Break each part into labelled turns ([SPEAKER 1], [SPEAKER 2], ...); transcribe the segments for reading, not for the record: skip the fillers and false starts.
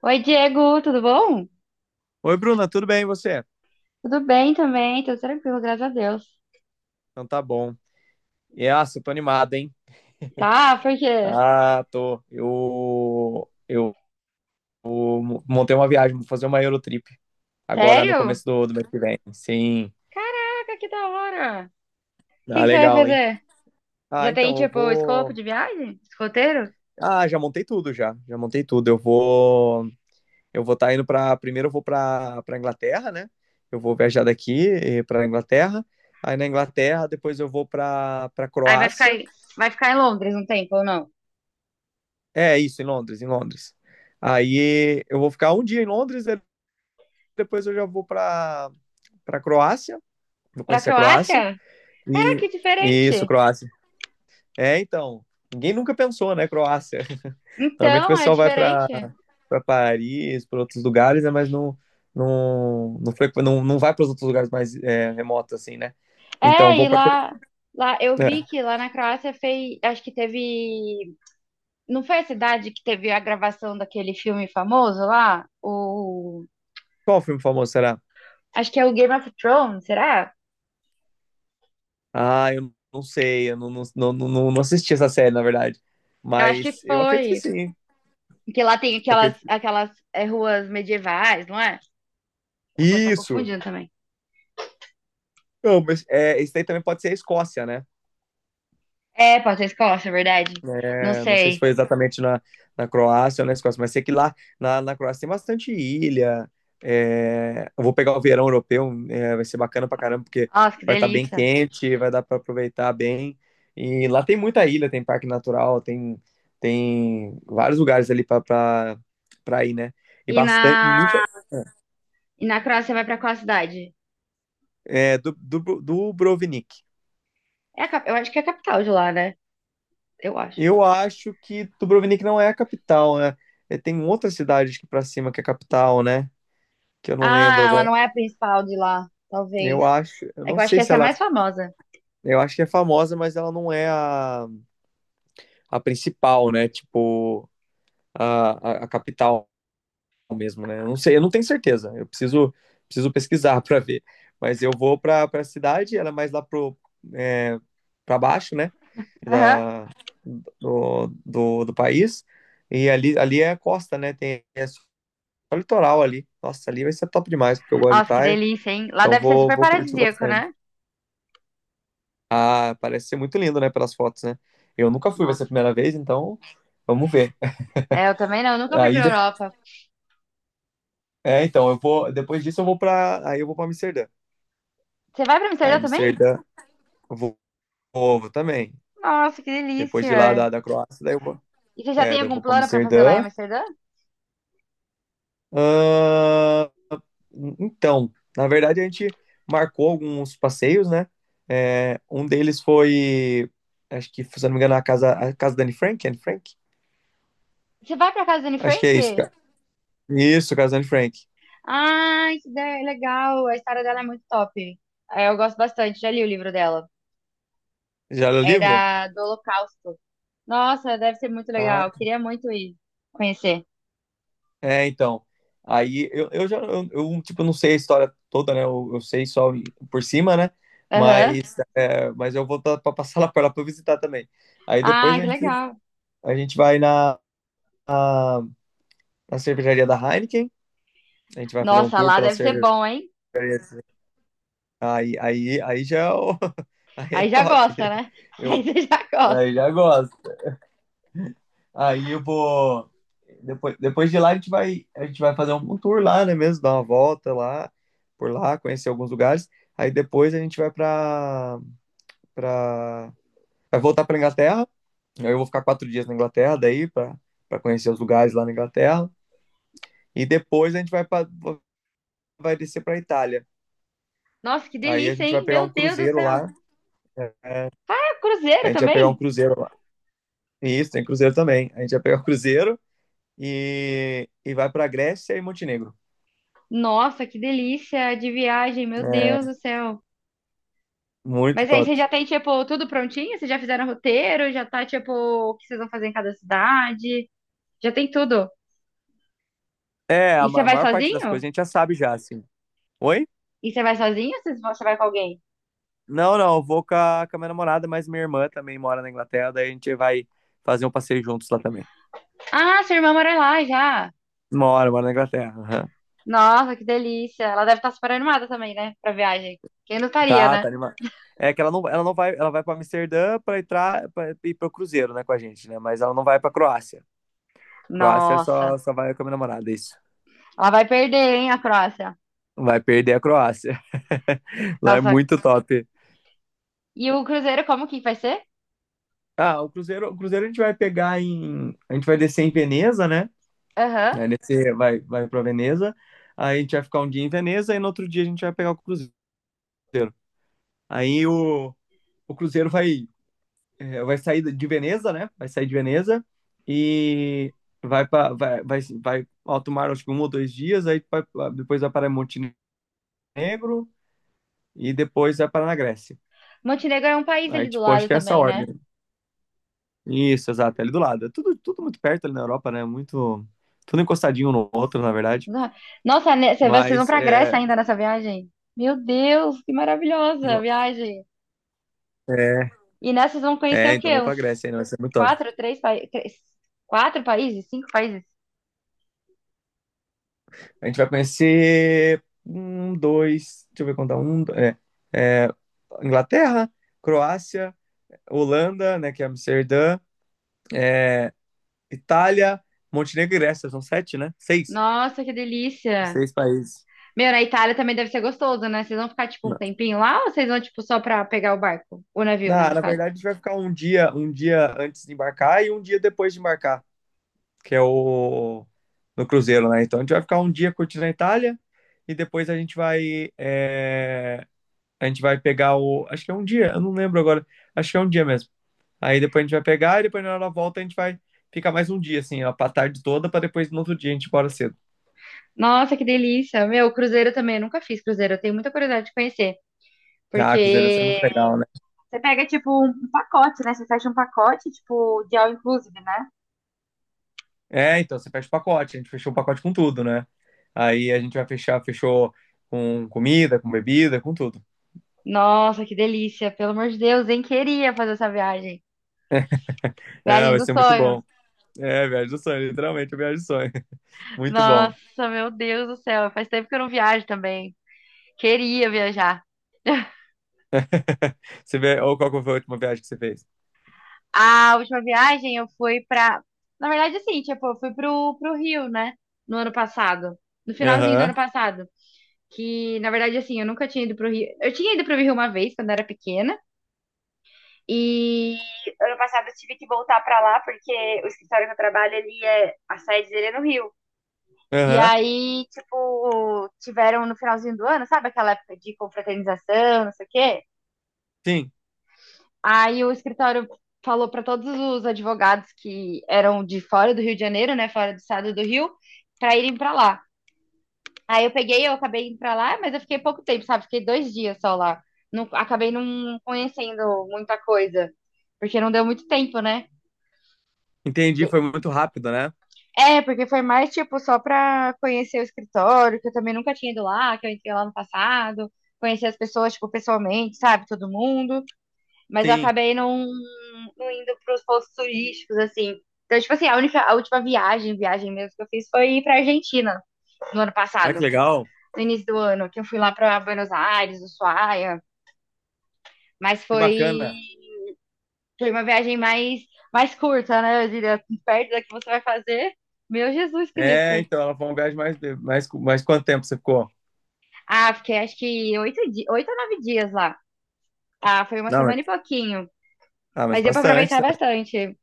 [SPEAKER 1] Oi, Diego, tudo bom?
[SPEAKER 2] Oi, Bruna, tudo bem e você?
[SPEAKER 1] Tudo bem também, tudo tranquilo, graças a Deus.
[SPEAKER 2] Então tá bom. Eu tô animado, hein?
[SPEAKER 1] Tá, por quê?
[SPEAKER 2] Ah, tô. Eu montei uma viagem, vou fazer uma Eurotrip agora no
[SPEAKER 1] Sério?
[SPEAKER 2] começo do mês que vem. Sim,
[SPEAKER 1] Caraca, que da hora! O que
[SPEAKER 2] ah,
[SPEAKER 1] que você vai
[SPEAKER 2] legal, hein?
[SPEAKER 1] fazer?
[SPEAKER 2] Ah,
[SPEAKER 1] Já tem,
[SPEAKER 2] então eu
[SPEAKER 1] tipo, o escopo
[SPEAKER 2] vou.
[SPEAKER 1] de viagem? Esse roteiro?
[SPEAKER 2] Ah, já montei tudo já. Já montei tudo. Eu vou. Eu vou estar tá indo pra. Primeiro eu vou pra Inglaterra, né? Eu vou viajar daqui pra Inglaterra. Aí na Inglaterra, depois eu vou pra
[SPEAKER 1] Aí vai ficar,
[SPEAKER 2] Croácia.
[SPEAKER 1] aí- Vai ficar em Londres um tempo ou não?
[SPEAKER 2] É isso, em Londres, em Londres. Aí eu vou ficar um dia em Londres, aí depois eu já vou para Croácia, vou
[SPEAKER 1] Pra
[SPEAKER 2] conhecer a Croácia.
[SPEAKER 1] Croácia? Caraca,
[SPEAKER 2] E
[SPEAKER 1] que
[SPEAKER 2] isso,
[SPEAKER 1] diferente!
[SPEAKER 2] Croácia. É, então, ninguém nunca pensou, né, Croácia. Normalmente o
[SPEAKER 1] Então, é
[SPEAKER 2] pessoal vai
[SPEAKER 1] diferente.
[SPEAKER 2] para Paris, para outros lugares, né, mas não, não, não vai para os outros lugares mais é, remotos assim, né? Então,
[SPEAKER 1] É,
[SPEAKER 2] vou
[SPEAKER 1] e
[SPEAKER 2] para
[SPEAKER 1] lá, lá eu vi
[SPEAKER 2] é.
[SPEAKER 1] que lá na Croácia fez, acho que teve, não foi a cidade que teve a gravação daquele filme famoso lá? O
[SPEAKER 2] Qual filme famoso será?
[SPEAKER 1] acho que é o Game of Thrones, será?
[SPEAKER 2] Ah, eu não sei, eu não, não, não, não, não assisti essa série, na verdade.
[SPEAKER 1] Eu acho que
[SPEAKER 2] Mas eu acredito que
[SPEAKER 1] foi.
[SPEAKER 2] sim.
[SPEAKER 1] Porque lá tem
[SPEAKER 2] Eu
[SPEAKER 1] aquelas,
[SPEAKER 2] acredito-
[SPEAKER 1] aquelas ruas medievais, não é? Eu posso estar
[SPEAKER 2] Isso!
[SPEAKER 1] confundindo também.
[SPEAKER 2] Não, mas é, isso daí também pode ser a Escócia, né?
[SPEAKER 1] É, pode ser Escócia, é verdade. Não
[SPEAKER 2] É, não sei se
[SPEAKER 1] sei.
[SPEAKER 2] foi exatamente na Croácia ou na Escócia, mas sei que lá na Croácia tem bastante ilha. É, eu vou pegar o verão europeu, é, vai ser bacana pra caramba, porque
[SPEAKER 1] Nossa, que
[SPEAKER 2] vai estar bem
[SPEAKER 1] delícia.
[SPEAKER 2] quente, vai dar pra aproveitar bem. E lá tem muita ilha, tem parque natural, tem, tem vários lugares ali pra ir, né? E
[SPEAKER 1] E na,
[SPEAKER 2] bastante, muita,
[SPEAKER 1] e na Croácia vai pra qual cidade?
[SPEAKER 2] é, Dubrovnik.
[SPEAKER 1] É a cap- eu acho que é a capital de lá, né? Eu acho.
[SPEAKER 2] Eu acho que Dubrovnik não é a capital, né? É, tem outra cidade aqui pra cima que é a capital, né? Que eu não lembro
[SPEAKER 1] Ah, ela
[SPEAKER 2] agora.
[SPEAKER 1] não é a principal de lá,
[SPEAKER 2] Eu
[SPEAKER 1] talvez.
[SPEAKER 2] acho, eu
[SPEAKER 1] É que
[SPEAKER 2] não
[SPEAKER 1] eu acho que
[SPEAKER 2] sei se
[SPEAKER 1] essa é a
[SPEAKER 2] ela,
[SPEAKER 1] mais famosa.
[SPEAKER 2] eu acho que é famosa, mas ela não é a principal, né? Tipo, a, a capital mesmo, né? Eu não sei, eu não tenho certeza. Preciso pesquisar para ver. Mas eu vou para a cidade, ela é mais lá pro é, para baixo, né?
[SPEAKER 1] Aham.
[SPEAKER 2] Da, do país. E ali, ali é a costa, né? Tem é só litoral ali. Nossa, ali vai ser top demais, porque eu gosto de
[SPEAKER 1] Nossa, que
[SPEAKER 2] praia.
[SPEAKER 1] delícia, hein? Lá
[SPEAKER 2] Então
[SPEAKER 1] deve ser
[SPEAKER 2] vou,
[SPEAKER 1] super
[SPEAKER 2] vou curtir
[SPEAKER 1] paradisíaco,
[SPEAKER 2] bastante.
[SPEAKER 1] né?
[SPEAKER 2] Ah, parece ser muito lindo, né, pelas fotos, né? Eu nunca fui, vai ser a
[SPEAKER 1] Nossa.
[SPEAKER 2] primeira vez, então vamos ver.
[SPEAKER 1] É, eu também não, eu nunca fui
[SPEAKER 2] Aí,
[SPEAKER 1] pra
[SPEAKER 2] de-
[SPEAKER 1] Europa.
[SPEAKER 2] é, então, eu vou, depois disso eu vou para, aí eu vou para Amsterdã.
[SPEAKER 1] Você vai pra
[SPEAKER 2] Aí
[SPEAKER 1] Amsterdã também?
[SPEAKER 2] Amsterdã, eu vou, vou também.
[SPEAKER 1] Nossa, que
[SPEAKER 2] Depois de lá
[SPEAKER 1] delícia!
[SPEAKER 2] da Croácia, daí eu vou,
[SPEAKER 1] E você já
[SPEAKER 2] é,
[SPEAKER 1] tem
[SPEAKER 2] daí eu
[SPEAKER 1] algum
[SPEAKER 2] vou para
[SPEAKER 1] plano pra fazer lá em
[SPEAKER 2] Amsterdã.
[SPEAKER 1] Amsterdã?
[SPEAKER 2] Ahn, então, na verdade a gente marcou alguns passeios, né? É, um deles foi, acho que, se eu não me engano, a casa da Anne Frank, Anne Frank?
[SPEAKER 1] Você vai pra casa da Anne
[SPEAKER 2] Acho que
[SPEAKER 1] Frank?
[SPEAKER 2] é isso, cara. Isso, casa da Anne Frank.
[SPEAKER 1] Ai, que ideia legal! A história dela é muito top. É, eu gosto bastante, já li o livro dela.
[SPEAKER 2] Já leu o
[SPEAKER 1] É
[SPEAKER 2] livro?
[SPEAKER 1] da, do Holocausto. Nossa, deve ser muito
[SPEAKER 2] Ah,
[SPEAKER 1] legal. Queria muito ir conhecer.
[SPEAKER 2] é, então. Aí eu já, eu, tipo, não sei a história toda, né? Eu sei só por cima, né?
[SPEAKER 1] Aham.
[SPEAKER 2] Mas, é, mas eu vou pra passar lá pra eu visitar também. Aí
[SPEAKER 1] Ah,
[SPEAKER 2] depois
[SPEAKER 1] que legal.
[SPEAKER 2] a gente vai na, na cervejaria da Heineken, a gente vai fazer um
[SPEAKER 1] Nossa,
[SPEAKER 2] tour
[SPEAKER 1] lá
[SPEAKER 2] pela
[SPEAKER 1] deve ser
[SPEAKER 2] cervejaria.
[SPEAKER 1] bom, hein?
[SPEAKER 2] Aí já é o- aí é
[SPEAKER 1] Aí já
[SPEAKER 2] top.
[SPEAKER 1] gosta, né? Aí
[SPEAKER 2] Eu,
[SPEAKER 1] você já
[SPEAKER 2] aí
[SPEAKER 1] gosta.
[SPEAKER 2] já gosto. Aí eu vou. Depois de lá a gente vai fazer um tour lá, né mesmo? Dar uma volta lá, por lá, conhecer alguns lugares. Aí depois a gente vai pra... vai voltar pra Inglaterra. Aí eu vou ficar quatro dias na Inglaterra daí, pra conhecer os lugares lá na Inglaterra. E depois a gente vai, pra, vai descer pra Itália.
[SPEAKER 1] Nossa, que
[SPEAKER 2] Aí a
[SPEAKER 1] delícia,
[SPEAKER 2] gente vai
[SPEAKER 1] hein?
[SPEAKER 2] pegar
[SPEAKER 1] Meu
[SPEAKER 2] um
[SPEAKER 1] Deus do
[SPEAKER 2] cruzeiro
[SPEAKER 1] céu.
[SPEAKER 2] lá, né?
[SPEAKER 1] É
[SPEAKER 2] A
[SPEAKER 1] cruzeiro
[SPEAKER 2] gente vai pegar um
[SPEAKER 1] também?
[SPEAKER 2] cruzeiro lá. Isso, tem cruzeiro também. A gente vai pegar o cruzeiro e vai pra Grécia e Montenegro.
[SPEAKER 1] Nossa, que delícia de viagem, meu
[SPEAKER 2] É,
[SPEAKER 1] Deus do céu.
[SPEAKER 2] muito
[SPEAKER 1] Mas aí
[SPEAKER 2] top.
[SPEAKER 1] vocês já tem, tipo, tudo prontinho? Vocês já fizeram roteiro? Já tá, tipo, o que vocês vão fazer em cada cidade? Já tem tudo.
[SPEAKER 2] É,
[SPEAKER 1] E você
[SPEAKER 2] a
[SPEAKER 1] vai
[SPEAKER 2] maior parte das
[SPEAKER 1] sozinho?
[SPEAKER 2] coisas a gente já sabe já, assim. Oi?
[SPEAKER 1] Você vai com alguém?
[SPEAKER 2] Não, eu vou com a minha namorada, mas minha irmã também mora na Inglaterra, daí a gente vai fazer um passeio juntos lá também.
[SPEAKER 1] Ah, sua irmã mora lá já.
[SPEAKER 2] Mora, mora na Inglaterra. Aham.
[SPEAKER 1] Nossa, que delícia. Ela deve estar super animada também, né? Pra viagem. Quem não estaria,
[SPEAKER 2] Tá,
[SPEAKER 1] né?
[SPEAKER 2] tá animado. É que ela não vai, ela vai para Amsterdã para entrar pra, ir pro cruzeiro, né, com a gente, né? Mas ela não vai para Croácia. Croácia
[SPEAKER 1] Nossa.
[SPEAKER 2] só vai com a minha namorada, isso.
[SPEAKER 1] Ela vai perder, hein, a Croácia.
[SPEAKER 2] Vai perder a Croácia. Lá é
[SPEAKER 1] Nossa.
[SPEAKER 2] muito top.
[SPEAKER 1] E o cruzeiro, como que vai ser?
[SPEAKER 2] Ah, o cruzeiro a gente vai pegar em, a gente vai descer em Veneza, né?
[SPEAKER 1] Aham.
[SPEAKER 2] Aí nesse vai, vai para Veneza, aí a gente vai ficar um dia em Veneza e no outro dia a gente vai pegar o cruzeiro. Aí o, o cruzeiro vai, vai sair de Veneza, né? Vai sair de Veneza e vai para vai alto mar acho que um ou dois dias, depois vai para Montenegro e depois vai para na Grécia.
[SPEAKER 1] Montenegro é um país
[SPEAKER 2] Aí
[SPEAKER 1] ali do
[SPEAKER 2] tipo, acho
[SPEAKER 1] lado
[SPEAKER 2] que é essa a
[SPEAKER 1] também, né?
[SPEAKER 2] ordem. Isso, exato, é ali do lado. É tudo, tudo muito perto ali na Europa, né? Muito, tudo encostadinho um no outro, na verdade.
[SPEAKER 1] Vocês vão
[SPEAKER 2] Mas
[SPEAKER 1] pra Grécia
[SPEAKER 2] é,
[SPEAKER 1] ainda nessa viagem? Meu Deus, que maravilhosa a viagem.
[SPEAKER 2] é,
[SPEAKER 1] E nessa vão conhecer
[SPEAKER 2] é,
[SPEAKER 1] o
[SPEAKER 2] então
[SPEAKER 1] quê?
[SPEAKER 2] vamos pra
[SPEAKER 1] Uns
[SPEAKER 2] Grécia aí, não, vai ser muito top.
[SPEAKER 1] quatro, três, pa- três- quatro países? Cinco países?
[SPEAKER 2] A gente vai conhecer um, dois, deixa eu ver contar, um, é, é, Inglaterra, Croácia, Holanda, né, que é Amsterdã, Itália, Montenegro e Grécia, são sete, né? Seis.
[SPEAKER 1] Nossa, que delícia.
[SPEAKER 2] Seis países.
[SPEAKER 1] Meu, na Itália também deve ser gostoso, né? Vocês vão ficar, tipo, um
[SPEAKER 2] Na,
[SPEAKER 1] tempinho lá ou vocês vão, tipo, só pra pegar o barco? O navio, né,
[SPEAKER 2] na
[SPEAKER 1] no
[SPEAKER 2] na
[SPEAKER 1] caso.
[SPEAKER 2] verdade, a gente vai ficar um dia antes de embarcar e um dia depois de embarcar, que é o no cruzeiro, né? Então a gente vai ficar um dia curtindo a Itália e depois a gente vai é, a gente vai pegar o. Acho que é um dia, eu não lembro agora. Acho que é um dia mesmo. Aí depois a gente vai pegar e depois na hora da volta a gente vai ficar mais um dia, assim, ó, pra tarde toda, pra depois no outro dia a gente ir embora cedo.
[SPEAKER 1] Nossa, que delícia. Meu, cruzeiro também. Eu nunca fiz cruzeiro. Eu tenho muita curiosidade de conhecer.
[SPEAKER 2] Ah, cruzeiro, isso ser muito
[SPEAKER 1] Porque
[SPEAKER 2] legal, né?
[SPEAKER 1] você pega, tipo, um pacote, né? Você fecha um pacote, tipo, de all inclusive, né?
[SPEAKER 2] É, então, você fecha o pacote, a gente fechou o pacote com tudo, né? Aí a gente vai fechar, fechou com comida, com bebida, com tudo.
[SPEAKER 1] Nossa, que delícia. Pelo amor de Deus, hein? Queria fazer essa viagem.
[SPEAKER 2] É,
[SPEAKER 1] Viagem
[SPEAKER 2] vai
[SPEAKER 1] dos
[SPEAKER 2] ser muito
[SPEAKER 1] sonhos.
[SPEAKER 2] bom. É, viagem do sonho, literalmente, viagem do sonho. Muito bom.
[SPEAKER 1] Nossa, meu Deus do céu. Faz tempo que eu não viajo também. Queria viajar.
[SPEAKER 2] Você vê, ou qual que foi a última viagem que você fez?
[SPEAKER 1] A última viagem eu fui pra. Na verdade, assim, tipo, eu fui pro Rio, né? No ano passado. No finalzinho do
[SPEAKER 2] Aham,
[SPEAKER 1] ano passado. Que, na verdade, assim, eu nunca tinha ido pro Rio. Eu tinha ido pro Rio uma vez, quando eu era pequena. E ano passado eu tive que voltar pra lá, porque o escritório que eu trabalho, ele é. A sede dele é no Rio. E
[SPEAKER 2] aham.
[SPEAKER 1] aí, tipo, tiveram no finalzinho do ano, sabe aquela época de confraternização, não sei o quê?
[SPEAKER 2] Sim,
[SPEAKER 1] Aí o escritório falou para todos os advogados que eram de fora do Rio de Janeiro, né, fora do estado do Rio, para irem para lá. Eu acabei indo para lá, mas eu fiquei pouco tempo, sabe? Fiquei dois dias só lá. Não, acabei não conhecendo muita coisa, porque não deu muito tempo, né?
[SPEAKER 2] entendi, foi muito rápido, né?
[SPEAKER 1] É, porque foi mais, tipo, só pra conhecer o escritório, que eu também nunca tinha ido lá, que eu entrei lá no passado, conhecer as pessoas, tipo, pessoalmente, sabe, todo mundo. Mas eu
[SPEAKER 2] Sim.
[SPEAKER 1] acabei não, não indo pros pontos turísticos, assim. Então, tipo assim, a última viagem, viagem mesmo que eu fiz foi ir pra Argentina no ano
[SPEAKER 2] Ah, que
[SPEAKER 1] passado,
[SPEAKER 2] legal.
[SPEAKER 1] no início do ano, que eu fui lá pra Buenos Aires, Ushuaia, mas
[SPEAKER 2] Que
[SPEAKER 1] foi,
[SPEAKER 2] bacana.
[SPEAKER 1] foi uma viagem mais, mais curta, né? Eu diria, perto da que você vai fazer. Meu Jesus
[SPEAKER 2] É,
[SPEAKER 1] Cristo.
[SPEAKER 2] então, ela foi uma viagem mais, mais quanto tempo você ficou?
[SPEAKER 1] Ah, fiquei acho que oito ou nove dias lá. Ah, foi uma
[SPEAKER 2] Não, mas,
[SPEAKER 1] semana e pouquinho.
[SPEAKER 2] ah, mas
[SPEAKER 1] Mas deu pra
[SPEAKER 2] bastante,
[SPEAKER 1] aproveitar
[SPEAKER 2] né?
[SPEAKER 1] bastante.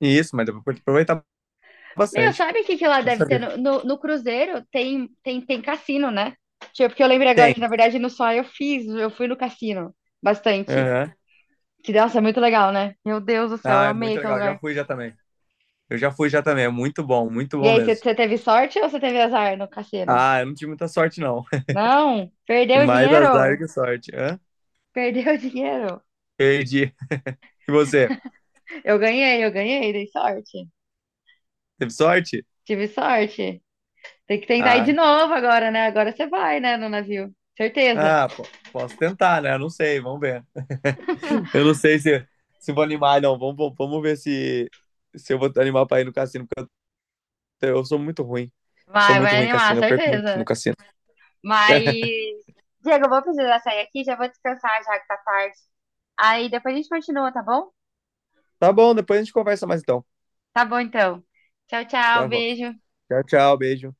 [SPEAKER 2] Isso, mas deu pra aproveitar
[SPEAKER 1] Meu,
[SPEAKER 2] bastante.
[SPEAKER 1] sabe o que que lá deve
[SPEAKER 2] Nossa
[SPEAKER 1] ter?
[SPEAKER 2] vida.
[SPEAKER 1] No cruzeiro tem, tem cassino, né? Tipo, porque eu lembrei agora
[SPEAKER 2] Tem.
[SPEAKER 1] que, na verdade, no Sol eu fiz, eu fui no cassino bastante.
[SPEAKER 2] Aham.
[SPEAKER 1] Que, nossa, é muito legal, né? Meu Deus do céu, eu
[SPEAKER 2] Ah, é
[SPEAKER 1] amei
[SPEAKER 2] muito
[SPEAKER 1] aquele
[SPEAKER 2] legal. Já
[SPEAKER 1] lugar.
[SPEAKER 2] fui já também. Eu já fui já também. É muito
[SPEAKER 1] E
[SPEAKER 2] bom
[SPEAKER 1] aí, você
[SPEAKER 2] mesmo.
[SPEAKER 1] você teve sorte ou você teve azar no cassino?
[SPEAKER 2] Ah, eu não tive muita sorte, não.
[SPEAKER 1] Não, perdeu
[SPEAKER 2] Tive
[SPEAKER 1] o
[SPEAKER 2] mais azar
[SPEAKER 1] dinheiro?
[SPEAKER 2] que sorte. Hã?
[SPEAKER 1] Perdeu o dinheiro.
[SPEAKER 2] Perdi. E você?
[SPEAKER 1] Eu ganhei, dei sorte.
[SPEAKER 2] Teve sorte?
[SPEAKER 1] Tive sorte. Tem que tentar ir de
[SPEAKER 2] Ah,
[SPEAKER 1] novo agora, né? Agora você vai, né, no navio. Certeza.
[SPEAKER 2] posso tentar, né? Não sei, vamos ver. Eu não sei se vou animar, não. Vamos ver se eu vou animar pra ir no cassino. Eu sou muito ruim. Sou
[SPEAKER 1] Vai,
[SPEAKER 2] muito
[SPEAKER 1] vai
[SPEAKER 2] ruim em
[SPEAKER 1] animar,
[SPEAKER 2] cassino. Eu perco muito no
[SPEAKER 1] certeza.
[SPEAKER 2] cassino.
[SPEAKER 1] Mas, Diego, eu vou precisar sair aqui, já vou descansar já que tá tarde. Aí depois a gente continua, tá bom?
[SPEAKER 2] Tá bom, depois a gente conversa mais então.
[SPEAKER 1] Tá bom, então. Tchau, tchau,
[SPEAKER 2] Tá bom.
[SPEAKER 1] beijo.
[SPEAKER 2] Tchau, tchau. Beijo.